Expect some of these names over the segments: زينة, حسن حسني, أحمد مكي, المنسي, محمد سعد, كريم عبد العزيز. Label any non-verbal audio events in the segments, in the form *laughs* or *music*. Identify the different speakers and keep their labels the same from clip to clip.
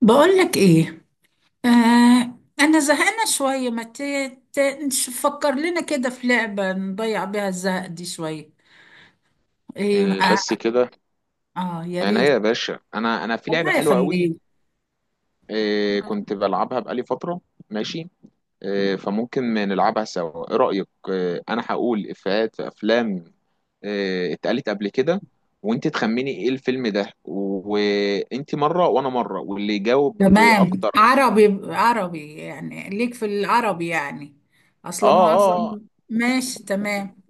Speaker 1: بقولك ايه؟ انا زهقانه شويه. ما ت- نفكر لنا كده في لعبه نضيع بيها الزهق دي شويه. ايه
Speaker 2: إيه
Speaker 1: اه،
Speaker 2: بس كده؟
Speaker 1: آه يا
Speaker 2: يعني
Speaker 1: ريت.
Speaker 2: يا باشا، انا في لعبه
Speaker 1: الله
Speaker 2: حلوه قوي.
Speaker 1: يخليك.
Speaker 2: إيه، كنت بلعبها بقالي فتره. ماشي. إيه فممكن نلعبها سوا، ايه رايك؟ إيه، انا هقول افيهات في افلام إيه اتقالت قبل كده، وانت تخمني ايه الفيلم ده، وانت مره وانا مره واللي يجاوب
Speaker 1: تمام،
Speaker 2: اكتر.
Speaker 1: عربي عربي، يعني ليك في العربي يعني،
Speaker 2: اه
Speaker 1: اصلا
Speaker 2: اه آه،
Speaker 1: معظم. ماشي تمام.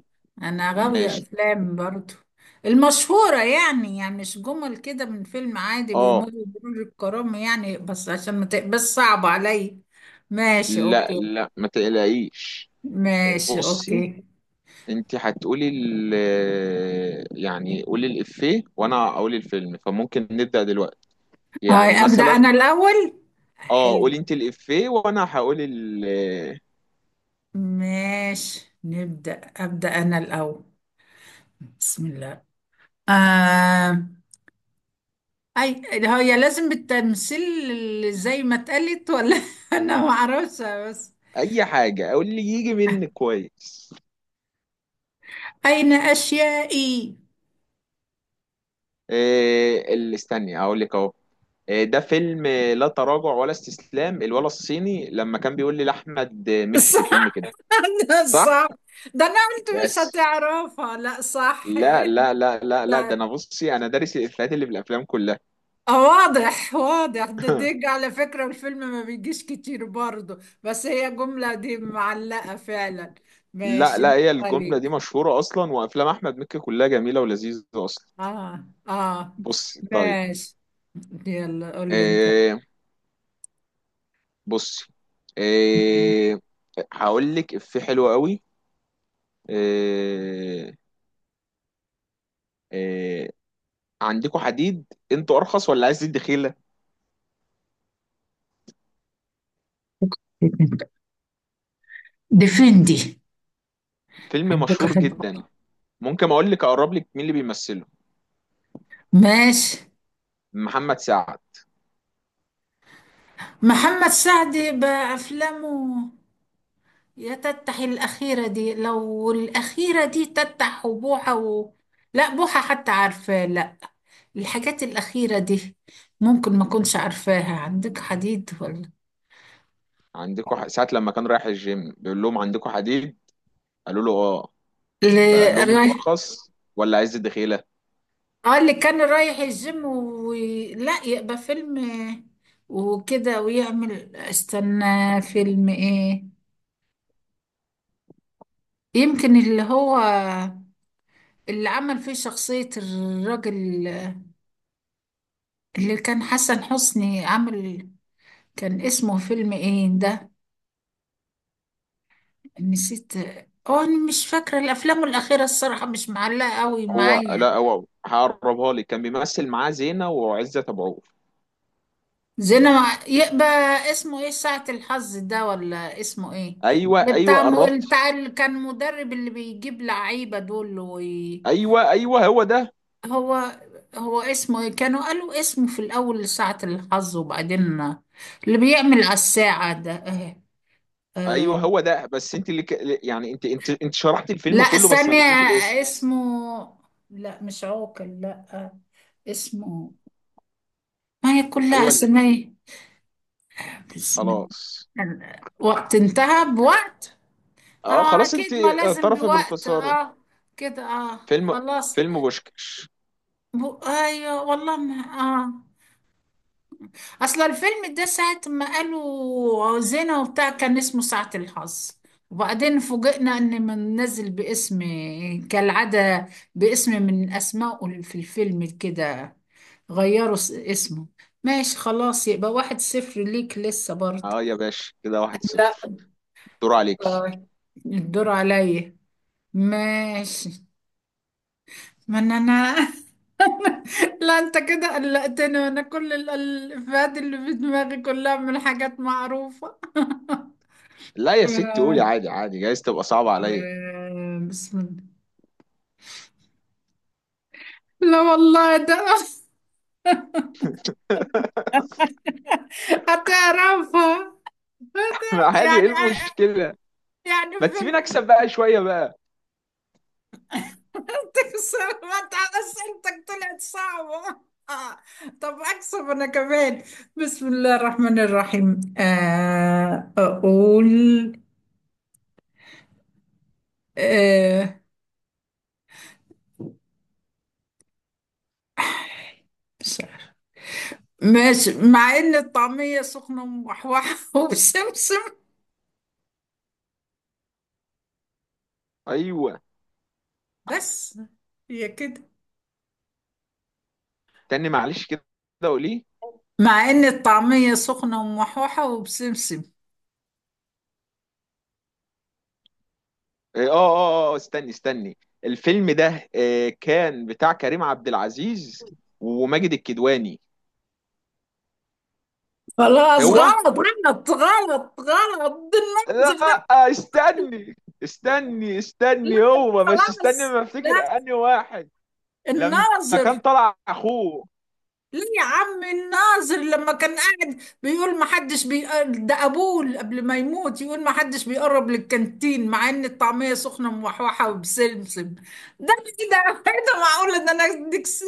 Speaker 1: انا غاويه
Speaker 2: ماشي.
Speaker 1: افلام برضو. المشهوره يعني مش جمل كده من فيلم عادي
Speaker 2: اه.
Speaker 1: بيمر بمرور الكرام، يعني، بس عشان ما تبقاش صعب عليا. ماشي
Speaker 2: لا،
Speaker 1: اوكي.
Speaker 2: لا ما تقلقيش. إيه
Speaker 1: ماشي
Speaker 2: بصي،
Speaker 1: اوكي.
Speaker 2: انت هتقولي يعني قولي الإفيه وانا اقول الفيلم، فممكن نبدأ دلوقتي،
Speaker 1: هاي
Speaker 2: يعني
Speaker 1: ابدا
Speaker 2: مثلا.
Speaker 1: انا الاول.
Speaker 2: اه قولي
Speaker 1: حلو.
Speaker 2: انت الإفيه وانا هقول
Speaker 1: ماشي نبدا ابدا انا الاول. بسم الله. آه. اي. هي لازم بالتمثيل زي ما اتقالت ولا *laughs* انا ما اعرفش بس.
Speaker 2: اي حاجة، اقول اللي يجي منك كويس.
Speaker 1: اين اشيائي.
Speaker 2: إيه اللي، استني اقول لك اهو. إيه، ده فيلم؟ لا تراجع ولا استسلام. الولا الصيني لما كان بيقول لي لاحمد مكي في الفيلم
Speaker 1: صح.
Speaker 2: كده.
Speaker 1: *laughs* ده
Speaker 2: صح.
Speaker 1: صح. ده انا قلت مش
Speaker 2: يس.
Speaker 1: هتعرفها، لا، صح.
Speaker 2: لا لا لا لا لا، ده انا
Speaker 1: *laughs*
Speaker 2: بصي انا دارس الإفيهات اللي في الافلام كلها.
Speaker 1: اه، واضح واضح ده ديج. على فكرة الفيلم ما بيجيش كتير برضه، بس هي الجملة دي معلقة فعلا.
Speaker 2: لا
Speaker 1: ماشي،
Speaker 2: لا، هي
Speaker 1: نقطة
Speaker 2: الجملة دي
Speaker 1: ليك.
Speaker 2: مشهورة أصلا، وأفلام أحمد مكي كلها جميلة ولذيذة أصلا.
Speaker 1: اه اه،
Speaker 2: بصي طيب.
Speaker 1: ماشي. يلا قول لي انت.
Speaker 2: إيه بصي. إيه، هقول لك إفيه حلو قوي. إيه، إيه، عندكوا حديد؟ أنتوا أرخص ولا عايز تدي خيلة؟
Speaker 1: ديفندي.
Speaker 2: فيلم مشهور جدا. ممكن أقول لك أقرب لك مين اللي بيمثله؟
Speaker 1: ماشي.
Speaker 2: محمد سعد.
Speaker 1: محمد سعد بأفلامه. يا تتح الأخيرة دي، لو الأخيرة دي تتح وبوحة لا، بوحة حتى عارفة، لا. الحاجات الأخيرة دي ممكن ما كنتش عارفاها. عندك حديد ولا؟
Speaker 2: ساعة لما كان رايح الجيم بيقول لهم عندكوا حديد، قالوا له آه،
Speaker 1: اللي
Speaker 2: فقال لهم أنتوا
Speaker 1: رايح،
Speaker 2: أرخص ولا عايز تدي خيلة؟
Speaker 1: اه، اللي كان رايح الجيم لا، يبقى فيلم وكده ويعمل استنى. فيلم ايه؟ يمكن اللي هو اللي عمل فيه شخصية الراجل اللي كان حسن حسني عمل. كان اسمه فيلم ايه ده، نسيت. اه، انا مش فاكرة الافلام الاخيرة الصراحة مش معلقة قوي
Speaker 2: هو،
Speaker 1: معايا.
Speaker 2: لا، هو هقربها لك. كان بيمثل معاه زينة وعزت ابو عوف.
Speaker 1: زينة يبقى اسمه ايه، ساعة الحظ ده ولا اسمه ايه؟
Speaker 2: ايوه
Speaker 1: اللي
Speaker 2: ايوه
Speaker 1: بتاع،
Speaker 2: قربت.
Speaker 1: بتاع اللي كان مدرب اللي بيجيب لعيبة دول
Speaker 2: ايوه ايوه هو ده.
Speaker 1: هو. هو اسمه ايه، كانوا قالوا اسمه في الأول ساعة الحظ، وبعدين اللي بيعمل على الساعة ده، اه.
Speaker 2: ايوه
Speaker 1: اه.
Speaker 2: هو ده، بس انت يعني انت شرحت
Speaker 1: لا،
Speaker 2: الفيلم كله، بس ما
Speaker 1: ثانية،
Speaker 2: جبتيش الاسم.
Speaker 1: اسمه. لا، مش عوكل، لا، اسمه، ما هي كلها
Speaker 2: ايوه
Speaker 1: أسماء. بسم
Speaker 2: خلاص.
Speaker 1: الله. وقت انتهى بوقت.
Speaker 2: اه
Speaker 1: اه،
Speaker 2: خلاص، انت
Speaker 1: اكيد، ما لازم
Speaker 2: اعترفي
Speaker 1: بوقت،
Speaker 2: بالخسارة.
Speaker 1: اه، كده، اه.
Speaker 2: فيلم
Speaker 1: خلاص.
Speaker 2: فيلم بوشكش.
Speaker 1: ايوه، والله ما اه، اصل الفيلم ده ساعة ما قالوا زينة وبتاع كان اسمه ساعة الحظ، وبعدين فوجئنا ان منزل باسم، كالعادة، باسم من اسمائه في الفيلم كده، غيروا اسمه. ماشي خلاص، يبقى 1-0 ليك لسه برضه.
Speaker 2: اه يا باشا، كده واحد
Speaker 1: لا،
Speaker 2: صفر. دور عليكي.
Speaker 1: آه، الدور عليا. ماشي. ما انا *laughs* لا انت كده قلقتني، وانا كل الافيهات اللي في دماغي كلها من حاجات معروفة.
Speaker 2: لا يا ست،
Speaker 1: آه،
Speaker 2: قولي عادي، عادي جايز تبقى صعبة عليا.
Speaker 1: بسم الله. لا والله ده *laughs*
Speaker 2: *laughs*
Speaker 1: هتعرفها. هت-
Speaker 2: عادي، ايه
Speaker 1: يعني آه، آه،
Speaker 2: المشكلة؟
Speaker 1: يعني
Speaker 2: ما تسيبيني
Speaker 1: فيلم.
Speaker 2: اكسب بقى شوية بقى.
Speaker 1: تكسر، ما تع- اسئلتك *laughs* طلعت صعبة. آه. طب اكسب انا كمان. بسم الله الرحمن الرحيم. اقول. آه، بس. ماشي، مع ان الطعمية سخنة وموحوحة *laughs* وبسمسم.
Speaker 2: ايوه،
Speaker 1: بس. هي كده.
Speaker 2: تاني معلش كده، قولي.
Speaker 1: مع ان الطعمية سخنة وموحوحة وبسمسم.
Speaker 2: اه اه اه استني استني. الفيلم ده كان بتاع كريم عبد العزيز وماجد الكدواني.
Speaker 1: خلاص،
Speaker 2: هو،
Speaker 1: غلط غلط غلط غلط، دي الناظر
Speaker 2: لا،
Speaker 1: ده.
Speaker 2: استني استني
Speaker 1: لا
Speaker 2: استني هو. بس استني،
Speaker 1: خلاص،
Speaker 2: ما افتكر
Speaker 1: لا،
Speaker 2: انهي واحد لما
Speaker 1: الناظر.
Speaker 2: كان طلع اخوه.
Speaker 1: ليه يا عم الناظر لما كان قاعد بيقول ما حدش بيقرب، ده ابوه قبل ما يموت يقول ما حدش بيقرب للكانتين مع ان الطعميه سخنه موحوحه وبسمسم. ده. ايه ده؟ *laughs* إيه ده، معقول ان انا اديك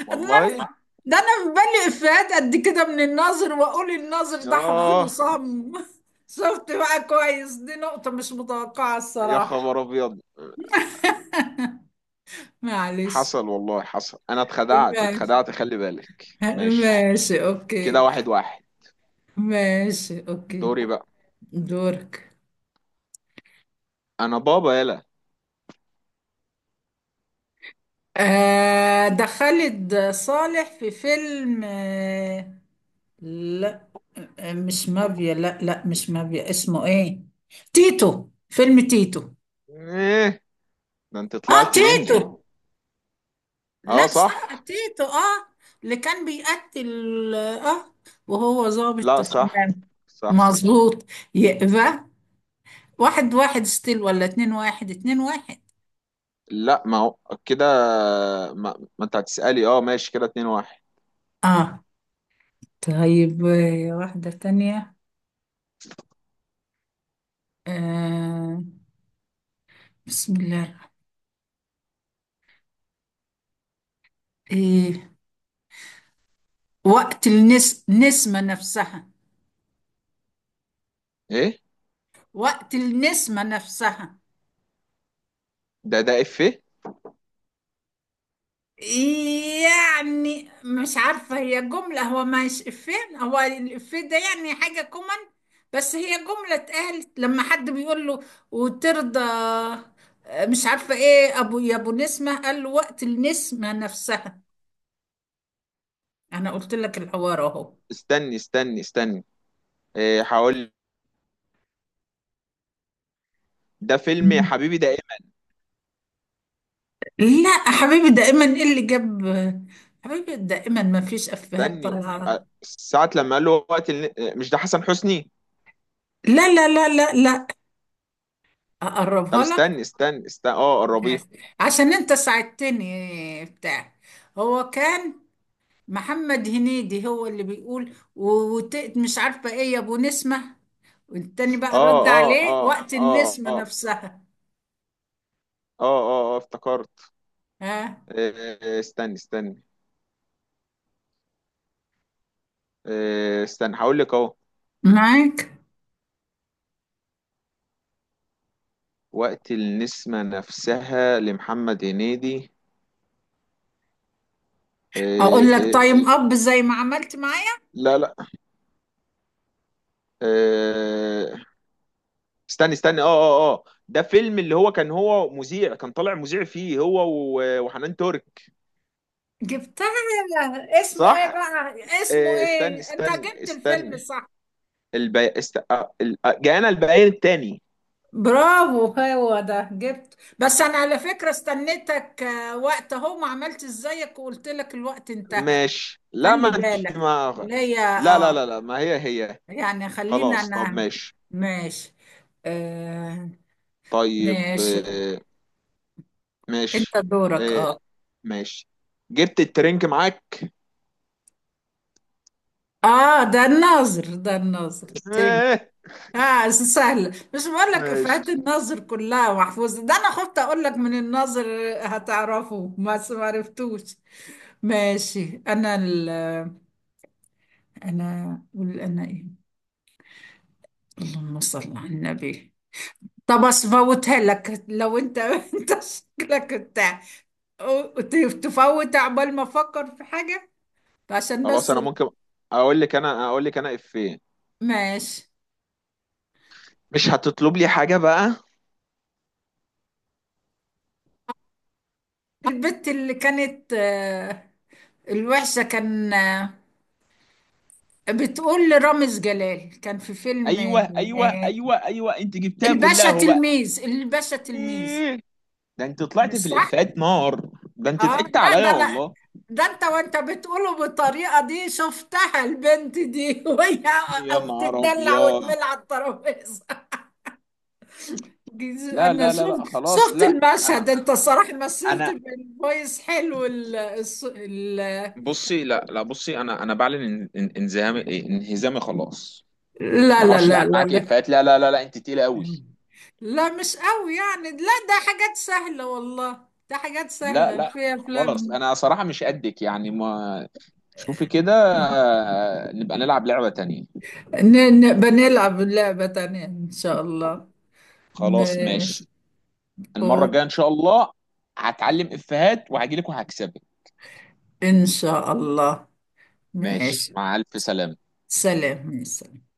Speaker 1: ده
Speaker 2: والله.
Speaker 1: انا، ده أنا في بالي افيهات قد كده من الناظر، واقول الناظر ده حافظينه
Speaker 2: ياه.
Speaker 1: صم. *laughs* شفت بقى كويس، دي نقطه مش متوقعه
Speaker 2: يا
Speaker 1: الصراحه.
Speaker 2: خبر ابيض.
Speaker 1: معلش.
Speaker 2: حصل والله حصل، انا اتخدعت
Speaker 1: ماشي.
Speaker 2: اتخدعت، خلي بالك.
Speaker 1: *laughs*
Speaker 2: ماشي.
Speaker 1: ماشي اوكي.
Speaker 2: كده واحد واحد.
Speaker 1: ماشي اوكي.
Speaker 2: دوري بقى.
Speaker 1: دورك.
Speaker 2: انا بابا، يلا.
Speaker 1: ده خالد صالح في فيلم. لا، مش مافيا، لا لا مش مافيا، اسمه ايه؟ تيتو، فيلم تيتو.
Speaker 2: ايه، ده انت
Speaker 1: اه،
Speaker 2: طلعت
Speaker 1: تيتو.
Speaker 2: نينجا. اه
Speaker 1: لا صح،
Speaker 2: صح.
Speaker 1: تيتو، اه. اللي كان بيقتل، اه، وهو ظابط.
Speaker 2: لا صح،
Speaker 1: تمام،
Speaker 2: صح.
Speaker 1: مظبوط. يبقى 1-1 ستيل، ولا 2-1، 2-1.
Speaker 2: لا ما هو كده. ما انت هتسألي. اه ماشي كده، اتنين واحد.
Speaker 1: اه. طيب، واحدة تانية. آه بسم الله. إيه، النسمة نفسها.
Speaker 2: ايه،
Speaker 1: وقت النسمة نفسها.
Speaker 2: ده افيه.
Speaker 1: يعني مش عارفة، هي جملة، هو مش إفيه. هو الإفيه ده يعني حاجة كومن، بس هي جملة اتقالت لما حد بيقول له: وترضى؟ مش عارفة إيه، أبو، يا أبو نسمة، قال له: وقت النسمة نفسها. أنا قلت لك الحوار أهو.
Speaker 2: استني استني استني. ايه هقول. ده فيلم يا
Speaker 1: مم.
Speaker 2: حبيبي، ده ايه؟
Speaker 1: لا حبيبي دائما، ايه اللي جاب حبيبي دائما، ما فيش افيهات
Speaker 2: استني.
Speaker 1: طالعه.
Speaker 2: اه، ساعة لما قال له وقت مش ده حسن حسني؟
Speaker 1: لا لا لا لا لا.
Speaker 2: طب
Speaker 1: اقربها لك،
Speaker 2: استني استني استني، اه قربيها.
Speaker 1: عشان انت ساعدتني بتاع. هو كان، محمد هنيدي هو اللي بيقول مش عارفه ايه يا ابو نسمه، والتاني بقى
Speaker 2: اه
Speaker 1: رد
Speaker 2: اه
Speaker 1: عليه:
Speaker 2: اه
Speaker 1: وقت
Speaker 2: اه اه
Speaker 1: النسمه
Speaker 2: اه
Speaker 1: نفسها.
Speaker 2: اه اه، افتكرت.
Speaker 1: ها.
Speaker 2: ايه، ايه، إيه، استني استني. ايه، استني هقول لك اهو.
Speaker 1: معاك.
Speaker 2: وقت النسمة نفسها لمحمد هنيدي.
Speaker 1: اقول
Speaker 2: إيه،
Speaker 1: لك
Speaker 2: إيه،
Speaker 1: تايم اب زي ما عملت معايا.
Speaker 2: لا لا. آه، استني استني اه اه اه، ده فيلم، اللي هو كان هو مذيع، كان طالع مذيع فيه هو و- وحنان ترك.
Speaker 1: جبتها؟ اسمه ايه
Speaker 2: صح.
Speaker 1: بقى، اسمه
Speaker 2: استني
Speaker 1: ايه، انت
Speaker 2: استني
Speaker 1: جبت الفيلم
Speaker 2: استني.
Speaker 1: صح.
Speaker 2: البي... است... آه، ال- آه، جاءنا البيان التاني.
Speaker 1: برافو، هو ده، جبت. بس انا على فكرة استنيتك، وقت اهو ما عملت ازيك وقلت لك الوقت انتهى.
Speaker 2: ماشي.
Speaker 1: خلي بالك ليا.
Speaker 2: لا لا
Speaker 1: اه،
Speaker 2: لا لا، ما هي هي.
Speaker 1: يعني خلينا،
Speaker 2: خلاص، طب
Speaker 1: انا
Speaker 2: ماشي.
Speaker 1: ماشي. آه
Speaker 2: طيب
Speaker 1: ماشي. انت
Speaker 2: ماشي.
Speaker 1: دورك،
Speaker 2: آه،
Speaker 1: اه.
Speaker 2: ماشي. جبت الترنك معاك.
Speaker 1: اه، ده الناظر، ده الناظر
Speaker 2: *laughs*
Speaker 1: تاني.
Speaker 2: آه،
Speaker 1: اه، سهلة، مش بقول لك افيهات
Speaker 2: ماشي.
Speaker 1: الناظر كلها محفوظة، ده انا خفت اقول لك من الناظر. هتعرفه بس ما عرفتوش. ماشي. انا أقول انا ايه؟ اللهم صل على النبي. طب افوتها لك، لو انت *laughs* انت شكلك بتاع تفوت عقبال ما افكر في حاجة، عشان
Speaker 2: خلاص
Speaker 1: بس
Speaker 2: انا ممكن اقول لك انا افيه.
Speaker 1: ماشي.
Speaker 2: مش هتطلب لي حاجة بقى.
Speaker 1: البت اللي كانت، الوحشة، كان بتقول لرامز جلال، كان في فيلم
Speaker 2: ايوه ايوه
Speaker 1: آه،
Speaker 2: ايوه ايوه، انت جبتها كلها
Speaker 1: الباشا
Speaker 2: اهو بقى.
Speaker 1: تلميذ، الباشا تلميذ.
Speaker 2: إيه؟ ده انت
Speaker 1: مش
Speaker 2: طلعت في
Speaker 1: صح؟
Speaker 2: الافيهات نار. ده انت
Speaker 1: اه
Speaker 2: ضحكت
Speaker 1: لا،
Speaker 2: عليا
Speaker 1: ده انا،
Speaker 2: والله.
Speaker 1: ده انت وانت بتقوله بالطريقه دي، شفتها البنت دي *laughs* وهي
Speaker 2: يا نهار
Speaker 1: بتتدلع
Speaker 2: ابيض.
Speaker 1: وتمل على الترابيزه.
Speaker 2: لا
Speaker 1: انا
Speaker 2: لا لا
Speaker 1: شفت
Speaker 2: لا خلاص.
Speaker 1: شفت
Speaker 2: لا،
Speaker 1: المشهد.
Speaker 2: انا
Speaker 1: انت الصراحه مثلت
Speaker 2: انا
Speaker 1: بالفويس حلو. الص- ال...
Speaker 2: بصي. لا لا بصي، انا بعلن ان- ان- انزهامي إيه، انهزامي خلاص.
Speaker 1: لا
Speaker 2: انا ما
Speaker 1: لا
Speaker 2: اعرفش
Speaker 1: لا
Speaker 2: العب
Speaker 1: لا
Speaker 2: معاك
Speaker 1: لا،
Speaker 2: افيهات. لا لا لا لا، انت تقيله قوي.
Speaker 1: لا مش قوي يعني، لا ده حاجات سهله والله، ده حاجات
Speaker 2: لا
Speaker 1: سهله
Speaker 2: لا
Speaker 1: في
Speaker 2: خلاص،
Speaker 1: افلام.
Speaker 2: انا صراحه مش قدك يعني ما. شوفي كده، نبقى نلعب لعبه تانية.
Speaker 1: بنلعب لعبه تانيه ان شاء الله.
Speaker 2: خلاص
Speaker 1: ماشي.
Speaker 2: ماشي. المره الجايه ان شاء الله هتعلم افيهات وهجيلك وهكسبك.
Speaker 1: إن شاء الله.
Speaker 2: ماشي،
Speaker 1: ماشي.
Speaker 2: مع الف سلامه.
Speaker 1: سلام، مع السلامة.